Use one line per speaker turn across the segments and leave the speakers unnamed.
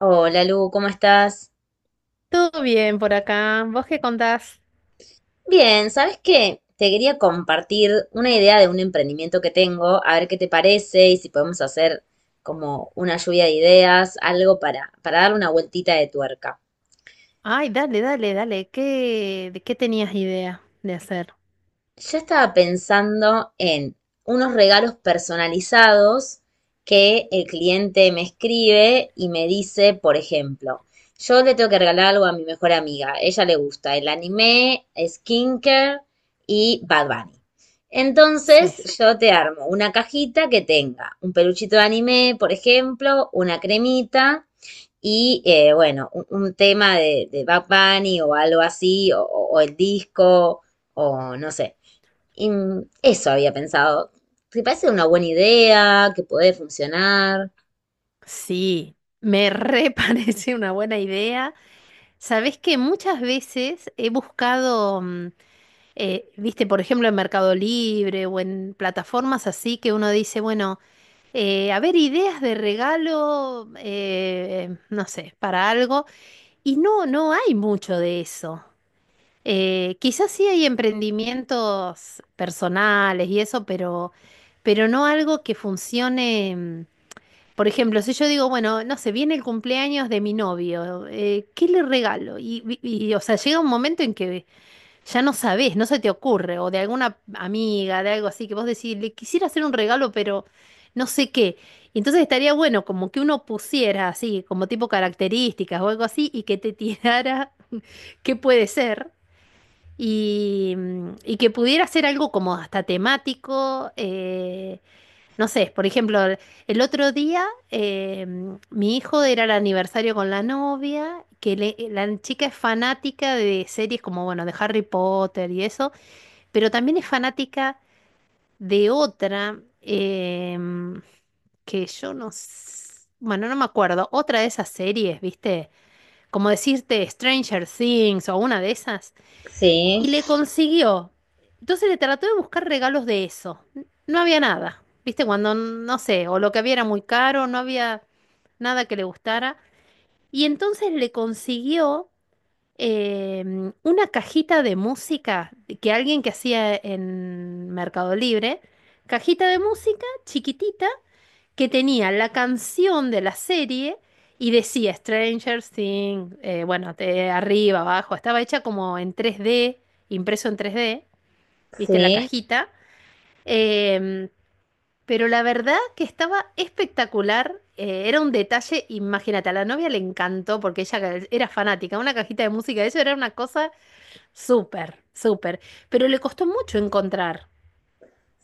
Hola Lu, ¿cómo estás?
Todo bien por acá. ¿Vos qué contás?
Bien, ¿sabes qué? Te quería compartir una idea de un emprendimiento que tengo, a ver qué te parece y si podemos hacer como una lluvia de ideas, algo para darle una vueltita de tuerca.
Ay, dale, dale, dale. ¿Qué, de qué tenías idea de hacer?
Yo estaba pensando en unos regalos personalizados que el cliente me escribe y me dice, por ejemplo, yo le tengo que regalar algo a mi mejor amiga. Ella le gusta el anime, skincare y Bad Bunny.
Sí.
Entonces, yo te armo una cajita que tenga un peluchito de anime, por ejemplo, una cremita y, bueno, un tema de Bad Bunny o algo así, o el disco, o no sé. Y eso había pensado. ¿Te parece una buena idea? ¿Que puede funcionar?
Sí, me re parece una buena idea. Sabés que muchas veces he buscado, viste, por ejemplo, en Mercado Libre o en plataformas así que uno dice, bueno, a ver, ideas de regalo, no sé, para algo. Y no hay mucho de eso. Quizás sí hay emprendimientos personales y eso, pero no algo que funcione. Por ejemplo, si yo digo, bueno, no sé, viene el cumpleaños de mi novio, ¿qué le regalo? O sea, llega un momento en que ya no sabés, no se te ocurre, o de alguna amiga, de algo así, que vos decís, le quisiera hacer un regalo, pero no sé qué. Y entonces estaría bueno como que uno pusiera así, como tipo características o algo así, y que te tirara qué puede ser. Y que pudiera ser algo como hasta temático, no sé, por ejemplo, el otro día mi hijo era el aniversario con la novia, la chica es fanática de series como, bueno, de Harry Potter y eso, pero también es fanática de otra que yo bueno, no me acuerdo, otra de esas series, ¿viste? Como decirte Stranger Things o una de esas
Sí,
y le consiguió. Entonces le trató de buscar regalos de eso. No había nada. ¿Viste? Cuando, no sé, o lo que había era muy caro, no había nada que le gustara. Y entonces le consiguió una cajita de música que alguien que hacía en Mercado Libre, cajita de música chiquitita que tenía la canción de la serie y decía Stranger Things, bueno, arriba, abajo, estaba hecha como en 3D, impreso en 3D, viste la
sí.
cajita. Em, pero la verdad que estaba espectacular, era un detalle, imagínate, a la novia le encantó porque ella era fanática, una cajita de música, eso era una cosa súper, súper, pero le costó mucho encontrar.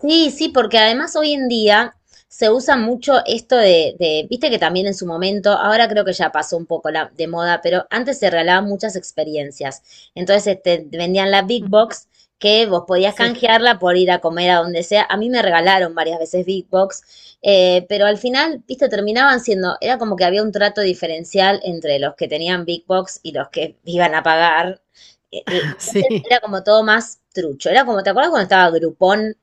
Sí, sí, porque además hoy en día se usa mucho esto viste que también en su momento, ahora creo que ya pasó un poco la, de moda, pero antes se regalaban muchas experiencias. Entonces este, te vendían la Big Box que vos podías
Sí,
canjearla por ir a comer a donde sea. A mí me regalaron varias veces Big Box, pero al final, viste, terminaban siendo, era como que había un trato diferencial entre los que tenían Big Box y los que iban a pagar. Entonces
sí.
era como todo más trucho. Era como, ¿te acuerdas cuando estaba Groupon?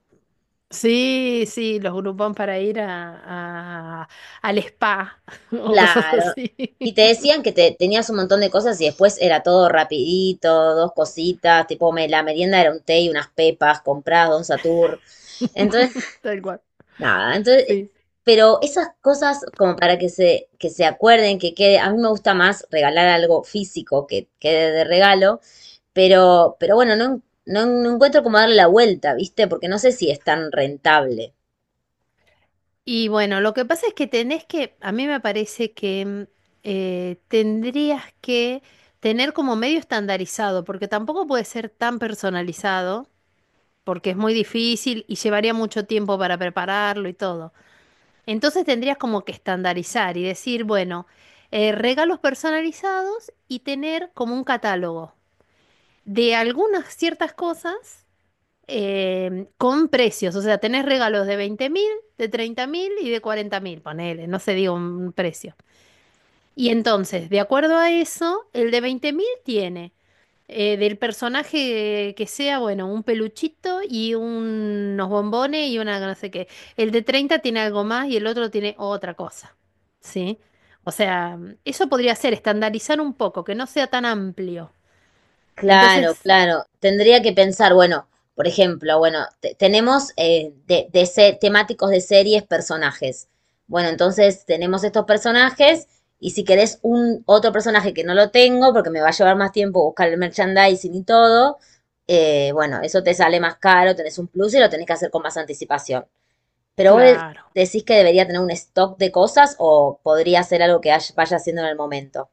Sí, sí, los grupón para ir a, al spa o cosas
Claro.
así.
Y te decían que te, tenías un montón de cosas y después era todo rapidito, dos cositas, tipo me, la merienda era un té y unas pepas compradas, de un Satur. Entonces,
Tal cual,
nada, entonces,
sí.
pero esas cosas como para que se acuerden, que quede, a mí me gusta más regalar algo físico que quede de regalo, pero bueno, no, no, no encuentro cómo darle la vuelta, ¿viste? Porque no sé si es tan rentable.
Y bueno, lo que pasa es a mí me parece que tendrías que tener como medio estandarizado, porque tampoco puede ser tan personalizado, porque es muy difícil y llevaría mucho tiempo para prepararlo y todo. Entonces tendrías como que estandarizar y decir, bueno, regalos personalizados y tener como un catálogo de algunas ciertas cosas con precios. O sea, tenés regalos de 20.000, de 30.000 y de 40.000, ponele, no se digo un precio. Y entonces, de acuerdo a eso, el de 20.000 tiene del personaje que sea, bueno, un peluchito y unos bombones y una no sé qué. El de 30 tiene algo más y el otro tiene otra cosa. ¿Sí? O sea, eso podría ser estandarizar un poco, que no sea tan amplio.
Claro,
Entonces,
claro. Tendría que pensar, bueno, por ejemplo, bueno, tenemos de, de temáticos de series, personajes. Bueno, entonces tenemos estos personajes y si querés un otro personaje que no lo tengo, porque me va a llevar más tiempo buscar el merchandising y todo, bueno, eso te sale más caro, tenés un plus y lo tenés que hacer con más anticipación. Pero vos
claro.
decís que debería tener un stock de cosas o podría ser algo que vaya haciendo en el momento.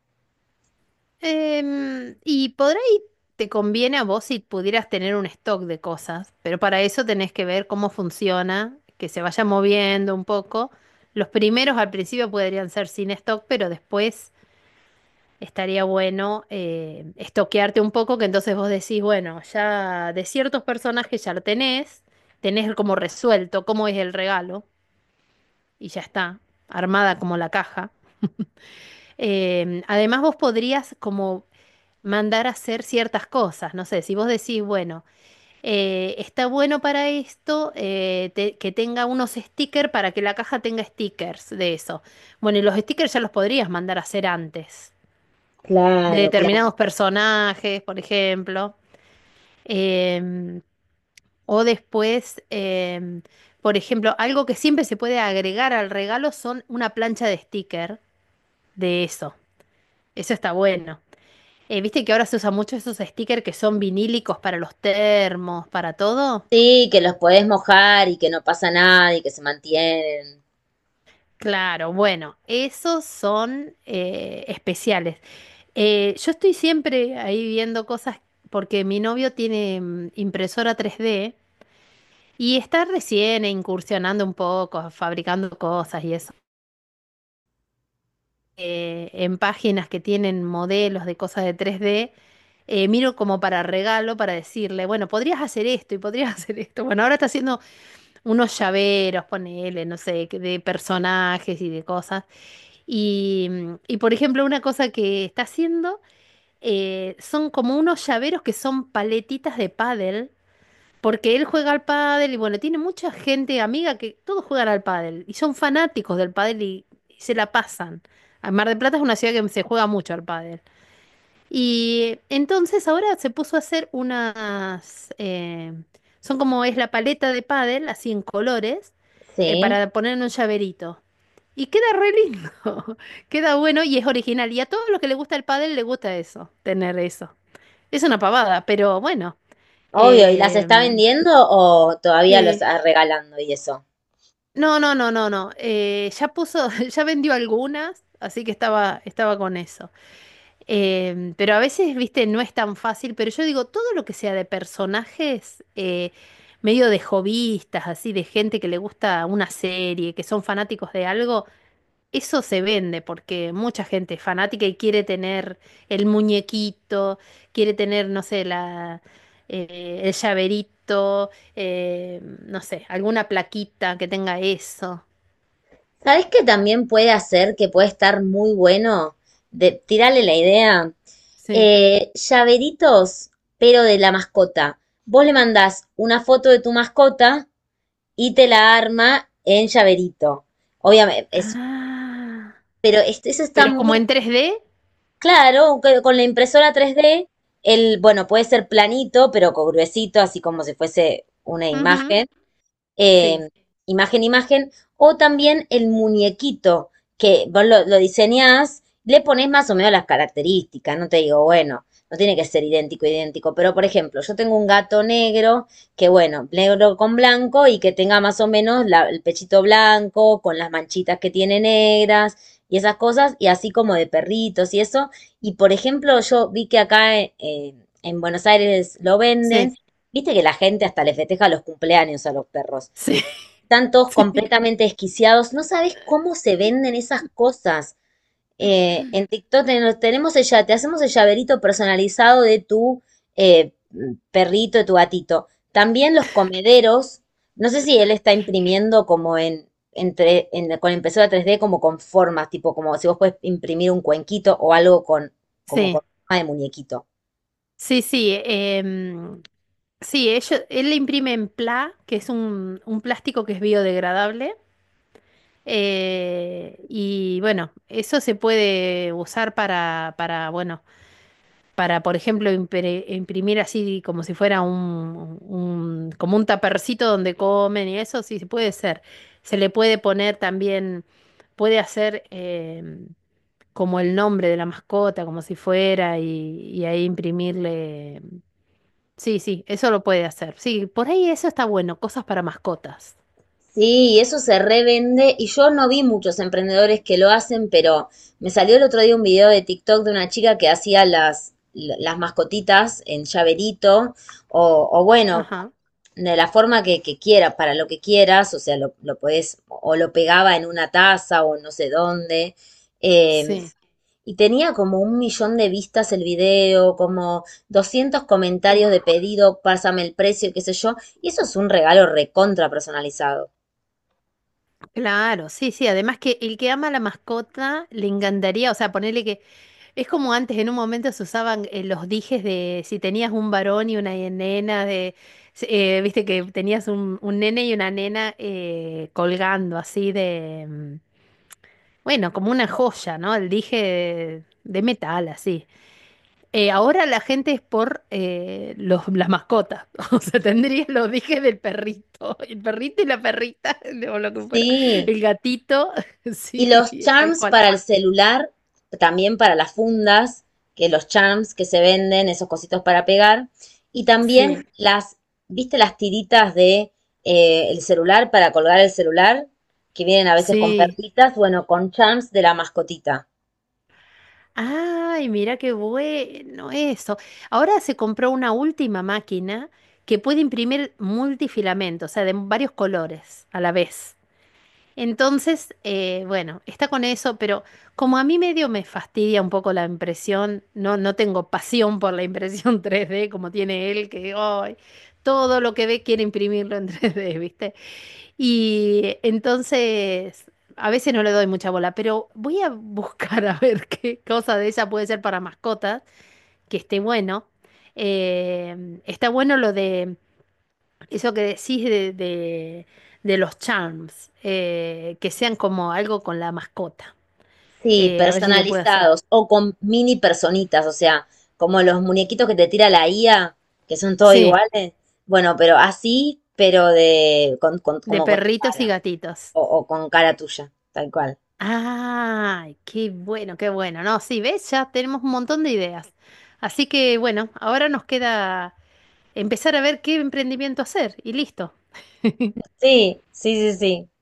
Y por ahí te conviene a vos si pudieras tener un stock de cosas, pero para eso tenés que ver cómo funciona, que se vaya moviendo un poco. Los primeros al principio podrían ser sin stock, pero después estaría bueno estoquearte un poco, que entonces vos decís, bueno, ya de ciertos personajes ya lo tenés, tenés como resuelto cómo es el regalo y ya está, armada como la caja. Además vos podrías como mandar a hacer ciertas cosas. No sé, si vos decís, bueno, está bueno para esto que tenga unos stickers para que la caja tenga stickers de eso. Bueno, y los stickers ya los podrías mandar a hacer antes, de
Claro, claro.
determinados personajes, por ejemplo. Em, o después, por ejemplo, algo que siempre se puede agregar al regalo son una plancha de sticker de eso. Eso está bueno. ¿Viste que ahora se usa mucho esos stickers que son vinílicos para los termos, para todo?
Sí, que los podés mojar y que no pasa nada y que se mantienen.
Claro, bueno, esos son especiales. Yo estoy siempre ahí viendo cosas porque mi novio tiene impresora tres d y está recién incursionando un poco, fabricando cosas y eso. En páginas que tienen modelos de cosas de tres d miro como para regalo, para decirle, bueno, podrías hacer esto y podrías hacer esto. Bueno, ahora está haciendo unos llaveros, ponele, no sé, que de personajes y de cosas. Por ejemplo, una cosa que está haciendo son como unos llaveros que son paletitas de pádel, porque él juega al pádel y bueno, tiene mucha gente amiga que todos juegan al pádel y son fanáticos del pádel y se la pasan. Ah, Mar del Plata es una ciudad que se juega mucho al pádel. Y entonces ahora se puso a hacer unas, son como es la paleta de pádel, así en colores,
Sí,
para poner en un llaverito. Y queda re lindo, queda bueno y es original. Y a todos los que les gusta el pádel le gusta eso, tener eso. Es una pavada, pero bueno.
obvio. ¿Y las está
em,
vendiendo o todavía los
sí.
está regalando y eso?
No, no, no, no, no. Ya puso, ya vendió algunas, así que estaba con eso. Pero a veces, viste, no es tan fácil, pero yo digo, todo lo que sea de personajes, medio de hobbyistas, así, de gente que le gusta una serie, que son fanáticos de algo, eso se vende porque mucha gente es fanática y quiere tener el muñequito, quiere tener, no sé, el llaverito, no sé, alguna plaquita que tenga eso.
¿Sabés qué también puede hacer que puede estar muy bueno? De, tirarle la idea.
Sí.
Llaveritos, pero de la mascota. Vos le mandás una foto de tu mascota y te la arma en llaverito. Obviamente, es,
Ah,
pero eso está
pero
muy
como en tres d
claro, que con la impresora 3D, el, bueno, puede ser planito, pero gruesito, así como si fuese una
ujú,
imagen
sí.
eh, imagen, imagen, o también el muñequito que vos lo diseñás, le pones más o menos las características, no te digo, bueno, no tiene que ser idéntico, idéntico, pero por ejemplo, yo tengo un gato negro, que bueno, negro con blanco y que tenga más o menos el pechito blanco, con las manchitas que tiene negras y esas cosas, y así como de perritos y eso. Y por ejemplo, yo vi que acá en Buenos Aires lo
Sí.
venden, viste que la gente hasta le festeja los cumpleaños a los perros
Sí,
están todos
sí,
completamente desquiciados. No sabes cómo se venden esas cosas. En TikTok tenemos el, te hacemos el llaverito personalizado de tu eh, perrito, de tu gatito. También los comederos, no sé si él está imprimiendo como en, entre, con impresora 3D como con formas, tipo como si vos puedes imprimir un cuenquito o algo con, como con
sí,
forma de muñequito.
sí, sí. Sí, él le imprime en PLA, que es un plástico que es biodegradable. Y bueno, eso se puede usar bueno, para, por ejemplo, imprimir así como si fuera como un tapercito donde comen y eso, sí, sí puede ser. Se le puede poner también, puede hacer. Como el nombre de la mascota, como si fuera, y ahí imprimirle. Sí, sí, eso lo puede hacer. Sí, por ahí eso está bueno, cosas para mascotas.
Sí, y eso se revende y yo no vi muchos emprendedores que lo hacen, pero me salió el otro día un video de TikTok de una chica que hacía las mascotitas en llaverito o bueno,
Ajá.
de la forma que quieras, para lo que quieras, o sea, lo podés o lo pegaba en una taza o no sé dónde. Eh,
Sí,
y tenía como 1 millón de vistas el video, como 200 comentarios de pedido, pásame el precio, qué sé yo. Y eso es un regalo recontra personalizado.
claro, sí, sí. Además que el que ama a la mascota le encantaría, o sea, ponerle que es como antes, en un momento se usaban los dijes de si tenías un varón y una nena, de si- viste que tenías un nene y una nena colgando así de, bueno, como una joya, ¿no? El dije de metal, así. Ahora la gente es por las mascotas. O sea, tendría los dijes del perrito. El perrito y la perrita, o lo que fuera.
Sí,
El gatito,
y los
sí, tal
charms
cual.
para el celular, también para las fundas, que los charms que se venden, esos cositos para pegar. Y
Sí,
también las, ¿viste las tiritas de el celular para colgar el celular? Que vienen a veces con
sí.
perlitas, bueno, con charms de la mascotita.
Ay, mira qué bueno eso. Ahora se compró una última máquina que puede imprimir multifilamento, o sea, de varios colores a la vez. Entonces, bueno, está con eso, pero como a mí medio me fastidia un poco la impresión, no tengo pasión por la impresión 3D como tiene él, que ay, todo lo que ve quiere imprimirlo en 3D, ¿viste? Y entonces, a veces no le doy mucha bola, pero voy a buscar a ver qué cosa de ella puede ser para mascotas, que esté bueno. Está bueno lo de eso que decís de los charms, que sean como algo con la mascota.
Sí,
A ver si se puede hacer.
personalizados o con mini personitas, o sea, como los muñequitos que te tira la IA, que son todos
Sí,
iguales. Bueno, pero así, pero de
de
como con tu
perritos y
cara.
gatitos.
O, o con cara tuya, tal cual.
¡Ay, qué bueno, qué bueno! No, sí, ves, ya tenemos un montón de ideas. Así que bueno, ahora nos queda empezar a ver qué emprendimiento hacer y listo.
Sí, sí, sí, sí.